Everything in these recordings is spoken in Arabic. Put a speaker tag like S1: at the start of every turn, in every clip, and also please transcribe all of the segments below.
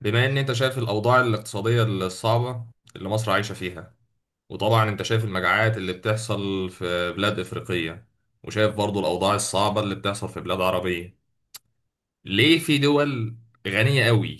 S1: بما ان انت شايف الاوضاع الاقتصادية الصعبة اللي مصر عايشة فيها، وطبعا انت شايف المجاعات اللي بتحصل في بلاد افريقية، وشايف برضو الاوضاع الصعبة اللي بتحصل في بلاد عربية. ليه في دول غنية قوي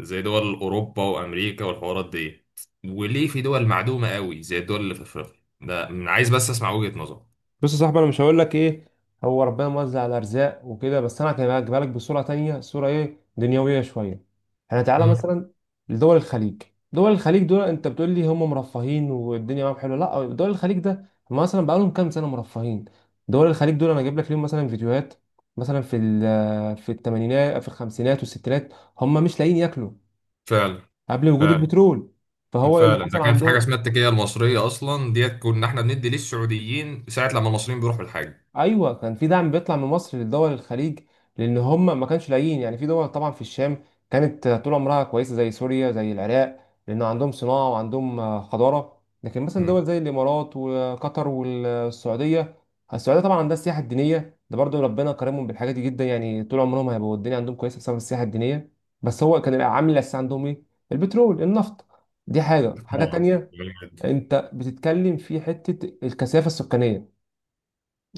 S1: زي دول اوروبا وامريكا والحوارات دي، وليه في دول معدومة قوي زي الدول اللي في افريقيا؟ ده من عايز بس اسمع وجهة نظرك.
S2: بص يا صاحبي، انا مش هقول لك ايه. هو ربنا موزع الارزاق وكده، بس انا هجيبها لك بصوره تانية، صوره ايه؟ دنيويه شويه. احنا تعالى
S1: مم.
S2: مثلا لدول الخليج. دول الخليج دول انت بتقول لي هم مرفهين والدنيا معاهم حلوه؟ لا، دول الخليج ده هم مثلا بقالهم كام سنه مرفهين. دول الخليج دول انا اجيب لك ليهم مثلا فيديوهات، مثلا في الثمانينات، في الخمسينات والستينات هم مش لاقيين ياكلوا،
S1: فعلا.
S2: قبل وجود
S1: فعلا.
S2: البترول. فهو إيه اللي
S1: فعلا، ده
S2: حصل
S1: كان في حاجة
S2: عندهم؟
S1: اسمها التكية المصرية أصلا ديت، كنا احنا بندي للسعوديين ساعة لما المصريين بيروحوا الحج.
S2: ايوه، كان في دعم بيطلع من مصر للدول الخليج، لان هم ما كانش لاقيين. يعني في دول طبعا في الشام كانت طول عمرها كويسه، زي سوريا زي العراق، لان عندهم صناعه وعندهم حضاره. لكن مثلا دول زي الامارات وقطر والسعوديه، السعوديه طبعا عندها السياحه الدينيه، ده برضو ربنا كرمهم بالحاجات دي جدا، يعني طول عمرهم هيبقوا الدنيا عندهم كويسه بسبب السياحه الدينيه. بس هو كان العامل الاساسي عندهم ايه؟ البترول، النفط. دي حاجه
S1: روعة.
S2: تانية.
S1: جامد.
S2: انت بتتكلم في حته الكثافه السكانيه،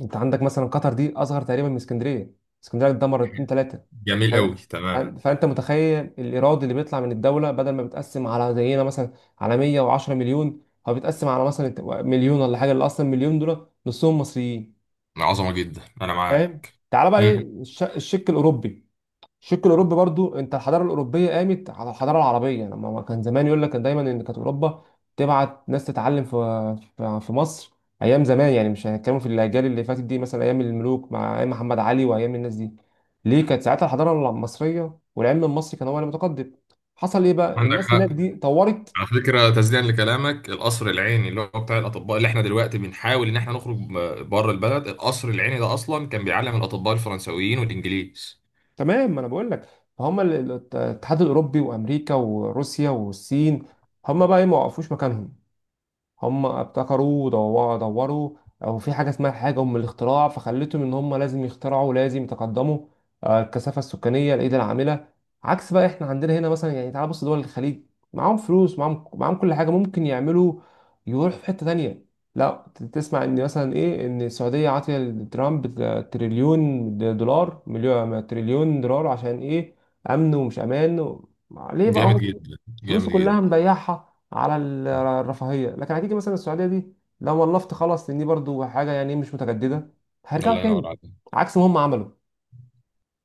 S2: انت عندك مثلا قطر دي اصغر تقريبا من اسكندريه، اسكندريه اتدمر اتنين تلاته.
S1: جميل قوي،
S2: فان-
S1: تمام.
S2: فانت متخيل الايراد اللي بيطلع من الدوله بدل ما بيتقسم على زينا مثلا، على 110 مليون، هو بيتقسم على مثلا مليون ولا حاجه، اللي اصلا مليون دول نصهم مصريين.
S1: عظمة جدا، أنا
S2: فاهم؟
S1: معاك.
S2: تعال بقى. مم. ايه
S1: مم.
S2: الشق الاوروبي؟ الشق الاوروبي برضو، انت الحضاره الاوروبيه قامت على الحضاره العربيه، لما ما كان زمان يقول لك، كان دايما ان كانت اوروبا تبعت ناس تتعلم في مصر، ايام زمان. يعني مش هنتكلم في الاجيال اللي فاتت دي، مثلا ايام الملوك، مع ايام محمد علي وايام الناس دي، ليه كانت ساعتها الحضاره المصريه والعلم المصري كان هو المتقدم؟ حصل ايه بقى؟
S1: عندك
S2: الناس هناك
S1: حق.
S2: دي طورت.
S1: على فكرة تسديدا لكلامك، القصر العيني اللي هو بتاع الأطباء اللي احنا دلوقتي بنحاول إن احنا نخرج بره البلد، القصر العيني ده أصلا كان بيعلم الأطباء الفرنسويين والإنجليز.
S2: تمام، ما انا بقول لك. فهم الاتحاد الاوروبي وامريكا وروسيا والصين، هم بقى ايه؟ ما وقفوش مكانهم، هم ابتكروا ودوروا. او في حاجه اسمها حاجه ام الاختراع، فخلتهم ان هم لازم يخترعوا، لازم يتقدموا. الكثافه السكانيه، الايد العامله. عكس بقى احنا عندنا هنا. مثلا يعني تعال بص، دول الخليج معاهم فلوس، معاهم كل حاجه، ممكن يعملوا، يروحوا في حته تانية. لا تسمع ان مثلا ايه، ان السعوديه عاطيه لترامب تريليون دولار، مليون تريليون دولار. عشان ايه؟ امن ومش امان و... ليه بقى
S1: جامد
S2: هو
S1: جدا،
S2: فلوسه
S1: جامد
S2: كلها
S1: جدا.
S2: مضيعها على الرفاهيه؟ لكن هتيجي مثلا السعوديه دي لو ولفت، خلاص، لان دي برضو حاجه يعني مش متجدده، هيرجعوا
S1: الله
S2: تاني
S1: ينور عليك.
S2: عكس ما هم عملوا.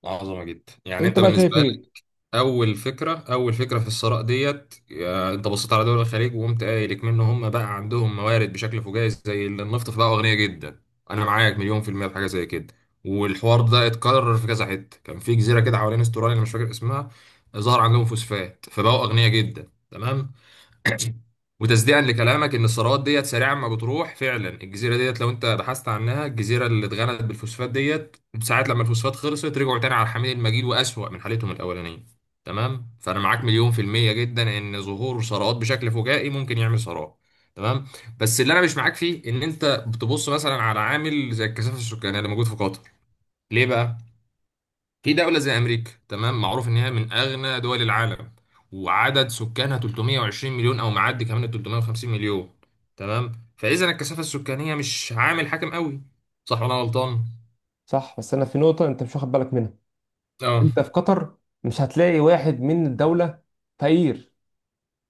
S1: عظمة جدا، يعني
S2: انت
S1: أنت
S2: بقى شايف
S1: بالنسبة
S2: ايه؟
S1: اول فكره في الثراء ديت، انت بصيت على دول الخليج وقمت قايل منه هم بقى عندهم موارد بشكل فجائي زي اللي النفط، فبقوا اغنياء جدا. انا معاك مليون في المية في حاجه زي كده. والحوار ده اتكرر في كذا حته، كان في جزيره كده حوالين استراليا انا مش فاكر اسمها، ظهر عندهم فوسفات فبقوا اغنياء جدا، تمام. وتصديقا لكلامك ان الثروات ديت سريعا ما بتروح، فعلا الجزيره ديت لو انت بحثت عنها، الجزيره اللي اتغنت بالفوسفات ديت ساعات لما الفوسفات خلصت رجعوا تاني على الحميد المجيد واسوأ من حالتهم الاولانيه. تمام. فانا معاك مليون في الميه جدا ان ظهور ثروات بشكل فجائي ممكن يعمل ثروات. تمام. بس اللي انا مش معاك فيه، ان انت بتبص مثلا على عامل زي الكثافه السكانيه اللي موجود في قطر. ليه بقى في دولة زي أمريكا، تمام، معروف إن هي من أغنى دول العالم، وعدد سكانها 320 مليون أو معدي كمان ال 350 مليون، تمام. فإذا الكثافة السكانية مش عامل حاكم قوي، صح ولا أنا غلطان؟
S2: صح، بس انا في نقطه انت مش واخد بالك منها.
S1: اه.
S2: انت في قطر مش هتلاقي واحد من الدوله فقير،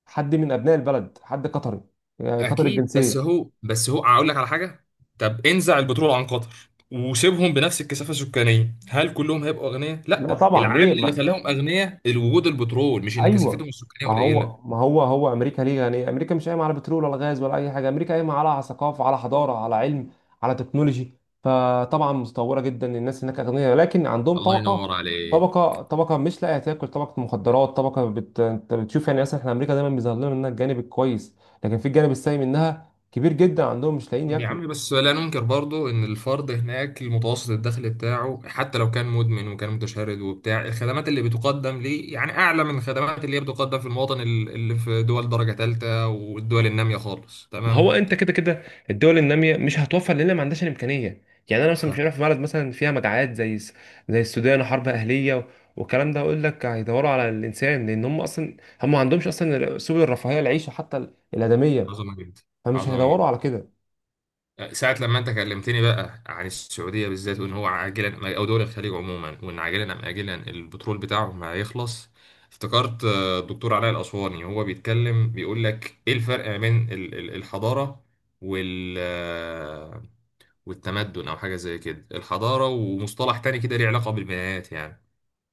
S2: حد من ابناء البلد، حد قطري، يعني قطري
S1: أكيد، بس
S2: الجنسيه.
S1: هو بس هو أقول لك على حاجة. طب انزع البترول عن قطر وسيبهم بنفس الكثافة السكانية، هل كلهم هيبقوا أغنياء؟
S2: لا
S1: لا،
S2: طبعا،
S1: العامل
S2: ليه
S1: اللي
S2: ما،
S1: خلاهم أغنياء الوجود البترول، مش إن كثافتهم
S2: ايوه.
S1: السكانية
S2: ما
S1: قليلة.
S2: هو ما هو هو امريكا ليه؟ يعني امريكا مش قايمه على بترول ولا غاز ولا اي حاجه، امريكا قايمه على ثقافه، على حضاره، على علم، على تكنولوجي. فطبعا متطوره جدا، الناس هناك اغنياء، لكن عندهم
S1: الله
S2: طبقه،
S1: ينور عليك.
S2: طبقه مش لاقيه تاكل، طبقه مخدرات، طبقه بت... انت بتشوف يعني. اصلا احنا امريكا دايما بيظهر لنا منها الجانب الكويس، لكن في الجانب السيء منها كبير جدا، عندهم مش لاقيين
S1: يا
S2: ياكلوا.
S1: عم، بس لا ننكر برضو ان الفرد هناك المتوسط الدخل بتاعه حتى لو كان مدمن وكان متشرد وبتاع، الخدمات اللي بتقدم ليه يعني اعلى من الخدمات اللي هي بتقدم في المواطن اللي في دول درجة ثالثة والدول النامية خالص،
S2: ما هو
S1: تمام.
S2: انت كده كده الدول الناميه مش هتوفر، لان ما عندهاش الامكانيه. يعني انا مثلا مش هروح في بلد مثلا فيها مجاعات زي زي السودان، وحرب اهليه والكلام ده، اقول لك هيدوروا على الانسان، لان هم اصلا هم ما عندهمش اصلا سبل الرفاهيه، العيشه حتى الادميه،
S1: فعظمة جدا.
S2: فمش
S1: عظمة
S2: هيدوروا
S1: جدا.
S2: على كده.
S1: ساعة لما انت كلمتني بقى عن السعودية بالذات، وان هو عاجلا او دول الخليج عموما، وان عاجلا ام اجلا البترول بتاعهم هيخلص، افتكرت الدكتور علاء الاسواني وهو بيتكلم بيقول لك ايه الفرق ما بين الحضارة وال آه، والتمدن او حاجة زي كده، الحضارة ومصطلح تاني كده ليه علاقة بالبنايات يعني.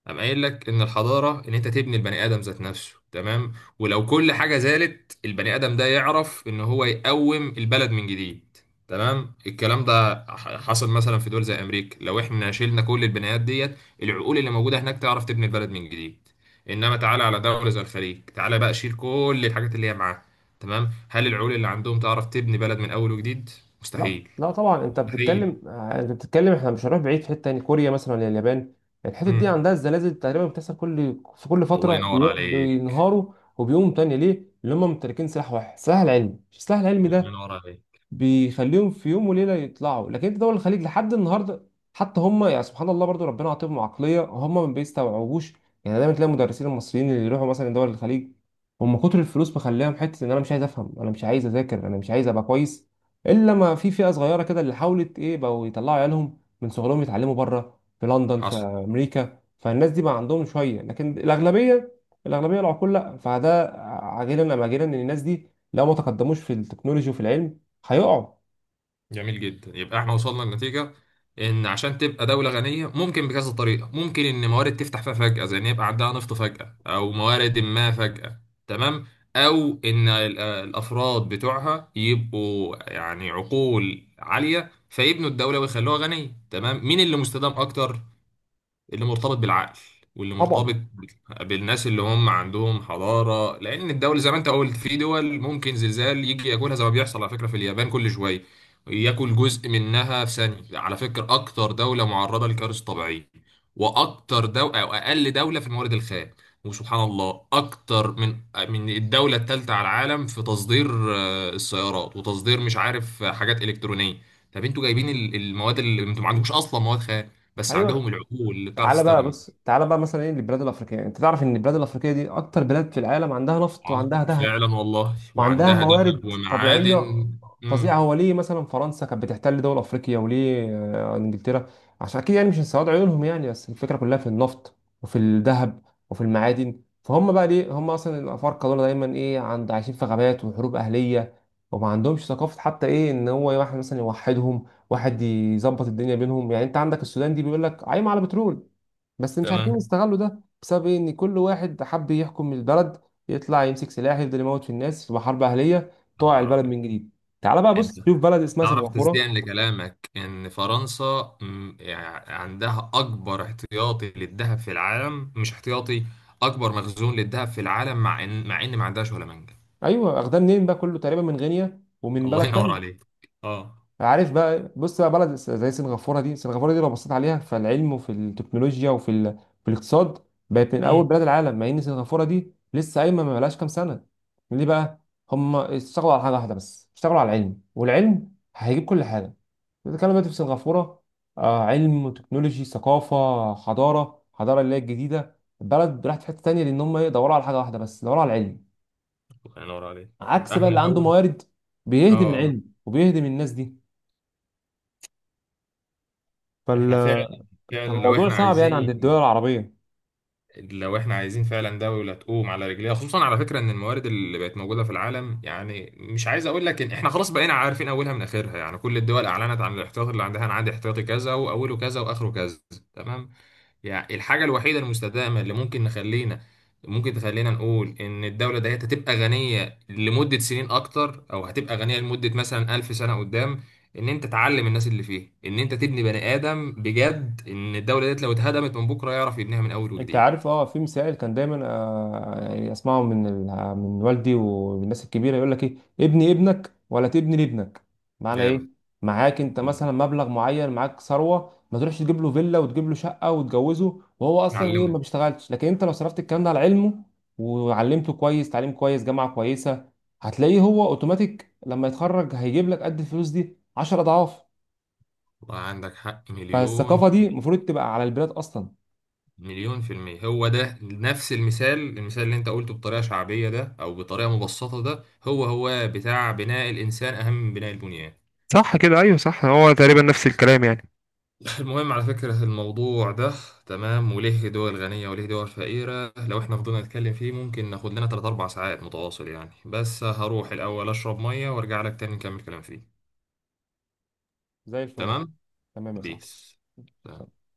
S1: أنا قايل لك إن الحضارة إن أنت تبني البني آدم ذات نفسه، تمام. ولو كل حاجة زادت البني آدم ده يعرف إن هو يقوم البلد من جديد. تمام. الكلام ده حصل مثلا في دول زي أمريكا، لو إحنا شلنا كل البنيات ديت، العقول اللي موجودة هناك تعرف تبني البلد من جديد. إنما تعالى على دولة زي الخليج، تعالى بقى شيل كل الحاجات اللي هي معاها، تمام، هل العقول اللي عندهم تعرف تبني بلد من أول وجديد؟
S2: لا
S1: مستحيل.
S2: لا طبعا، انت
S1: مستحيل.
S2: بتتكلم، انت بتتكلم، احنا مش هنروح بعيد، في حته تاني كوريا مثلا ولا اليابان، الحتت دي
S1: مم.
S2: عندها الزلازل تقريبا بتحصل في كل
S1: الله
S2: فتره،
S1: ينور عليك.
S2: بينهاروا وبيقوموا تاني. ليه؟ اللي هم ممتلكين سلاح واحد، سلاح العلم، السلاح العلمي
S1: الله
S2: ده
S1: ينور عليك.
S2: بيخليهم في يوم وليله يطلعوا. لكن انت دول الخليج لحد النهارده، حتى هم يعني سبحان الله برضو ربنا عاطيهم عقليه هم ما بيستوعبوش. يعني دايما تلاقي المدرسين المصريين اللي يروحوا مثلا دول الخليج، هم كتر الفلوس مخليهم حته ان انا مش عايز افهم، انا مش عايز اذاكر، انا مش عايز ابقى كويس، الا ما في فئه صغيره كده اللي حاولت ايه، بقوا يطلعوا عيالهم من صغرهم يتعلموا بره، في لندن، في
S1: حصل.
S2: امريكا، فالناس دي بقى عندهم شويه، لكن الاغلبيه، الاغلبيه العقول لا. فده عاجلا ام اجلا ان الناس دي لو ما تقدموش في التكنولوجي وفي العلم هيقعوا
S1: جميل جدا. يبقى احنا وصلنا لنتيجة ان عشان تبقى دولة غنية ممكن بكذا طريقة، ممكن ان موارد تفتح فيها فجأة، زي ان يبقى عندها نفط فجأة او موارد ما فجأة. تمام. او ان الافراد بتوعها يبقوا يعني عقول عالية فيبنوا الدولة ويخلوها غنية، تمام. مين اللي مستدام اكتر؟ اللي مرتبط بالعقل، واللي
S2: طبعا.
S1: مرتبط بالناس اللي هم عندهم حضارة. لأن الدول زي ما أنت قلت في دول ممكن زلزال يجي ياكلها، زي ما بيحصل على فكرة في اليابان كل شوية ياكل جزء منها في ثانية. على فكرة أكتر دولة معرضة لكوارث طبيعية، وأكتر دولة أو أقل دولة في الموارد الخام، وسبحان الله أكتر من الدولة الثالثة على العالم في تصدير السيارات، وتصدير مش عارف حاجات إلكترونية. طب أنتوا جايبين المواد، اللي أنتوا ما عندكوش أصلا مواد خام، بس عندهم
S2: ايوه،
S1: العقول اللي بتعرف
S2: تعالى بقى
S1: تستخدم.
S2: بص، تعالى بقى مثلا ايه للبلاد الافريقيه. انت تعرف ان البلاد الافريقيه دي اكتر بلاد في العالم عندها نفط
S1: العظم.
S2: وعندها ذهب
S1: فعلا والله،
S2: وعندها
S1: وعندها ذهب
S2: موارد طبيعية
S1: ومعادن.
S2: فظيعة.
S1: امم.
S2: هو ليه مثلا فرنسا كانت بتحتل دول أفريقيا، وليه إنجلترا؟ عشان أكيد يعني مش من سواد عيونهم يعني، بس الفكرة كلها في النفط، وفي الذهب، وفي المعادن. فهم بقى ليه هم أصلا، الأفارقة دول دايما إيه عند، عايشين في غابات وحروب أهلية وما عندهمش ثقافة، حتى إيه، إن هو واحد مثلا يوحدهم، واحد يظبط الدنيا بينهم. يعني أنت عندك السودان دي بيقول لك قايمة على بترول، بس مش عارفين
S1: تمام.
S2: يستغلوا ده بسبب إيه؟ ان كل واحد حب يحكم البلد، يطلع يمسك سلاح، يفضل يموت في الناس، تبقى حرب اهليه،
S1: يا
S2: طوع
S1: نهار
S2: البلد
S1: أبيض.
S2: من جديد. تعال بقى
S1: انت
S2: بص، شوف بلد اسمها
S1: تعرف
S2: سنغافوره.
S1: تصديقا لكلامك ان فرنسا، يعني عندها اكبر احتياطي للذهب في العالم، مش احتياطي، اكبر مخزون للذهب في العالم، مع ان ما عندهاش ولا منجم.
S2: ايوه، اخدها منين بقى؟ كله تقريبا من غينيا ومن
S1: الله
S2: بلد
S1: ينور
S2: تانية.
S1: عليك. اه.
S2: عارف بقى؟ بص بقى، بلد زي سنغافورة دي، سنغافورة دي لو بصيت عليها في العلم وفي التكنولوجيا وفي ال... في الاقتصاد، بقت من أول
S1: امم.
S2: بلاد العالم، مع إن سنغافورة دي لسه قايمة، ما بقالهاش كام سنة. ليه بقى؟ هم اشتغلوا على حاجة واحدة بس، اشتغلوا على العلم، والعلم هيجيب كل حاجة. بتتكلم دلوقتي في سنغافورة، آه، علم وتكنولوجي، ثقافة، حضارة، حضارة اللي هي الجديدة. البلد راحت في حتة تانية، لأن هم إيه، دوروا على حاجة واحدة بس، دوروا على العلم.
S1: الله ينور عليك. يبقى
S2: عكس بقى
S1: احنا
S2: اللي عنده
S1: لو،
S2: موارد، بيهدم
S1: اه،
S2: العلم وبيهدم الناس دي.
S1: احنا فعلا، فعلا لو
S2: الموضوع
S1: احنا
S2: صعب يعني عند
S1: عايزين
S2: الدول العربية.
S1: لو احنا عايزين فعلا دولة تقوم على رجليها، خصوصا على فكرة ان الموارد اللي بقت موجودة في العالم، يعني مش عايز اقول لك ان احنا خلاص بقينا عارفين اولها من اخرها، يعني كل الدول اعلنت عن الاحتياط اللي عندها، انا عندي احتياطي كذا واوله كذا واخره كذا، تمام. يعني الحاجة الوحيدة المستدامة اللي ممكن نخلينا، ممكن تخلينا نقول ان الدولة ديت هتبقى غنية لمدة سنين اكتر، او هتبقى غنية لمدة مثلا 1000 سنة قدام، ان انت تعلم الناس اللي فيه، ان انت تبني بني ادم بجد، ان الدولة ديت لو اتهدمت من بكرة يعرف يبنيها من اول
S2: انت
S1: وجديد.
S2: عارف، اه، في مثال كان دايما آه يعني اسمعه من ال... من والدي والناس الكبيرة، يقول لك ايه، ابني ابنك ولا تبني لابنك. معنى ايه؟
S1: جامد.
S2: معاك انت مثلا مبلغ معين، معاك ثروة، ما تروحش تجيب له فيلا وتجيب له شقة وتجوزه، وهو اصلا ايه، ما
S1: اتعلمه.
S2: بيشتغلش، لكن انت لو صرفت الكلام ده على علمه، وعلمته كويس، تعليم كويس، جامعة كويسة، هتلاقيه هو اوتوماتيك لما يتخرج هيجيب لك قد الفلوس دي 10 اضعاف.
S1: والله عندك حق، مليون
S2: فالثقافة
S1: في
S2: دي
S1: المية.
S2: المفروض تبقى على البلاد اصلا.
S1: مليون في المية، هو ده نفس المثال، المثال اللي انت قلته بطريقة شعبية ده او بطريقة مبسطة ده، هو بتاع بناء الانسان اهم من بناء البنيان.
S2: صح كده؟ ايوه صح، هو تقريبا نفس الكلام يعني.
S1: المهم على فكرة الموضوع ده، تمام، وليه دول غنية وليه دول فقيرة، لو احنا فضلنا نتكلم فيه ممكن ناخد لنا 3 4 ساعات متواصل يعني. بس هروح الاول اشرب مية وارجع لك تاني نكمل كلام فيه.
S2: زي الفل، صح،
S1: تمام.
S2: تمام يا
S1: بيس.
S2: صاحبي.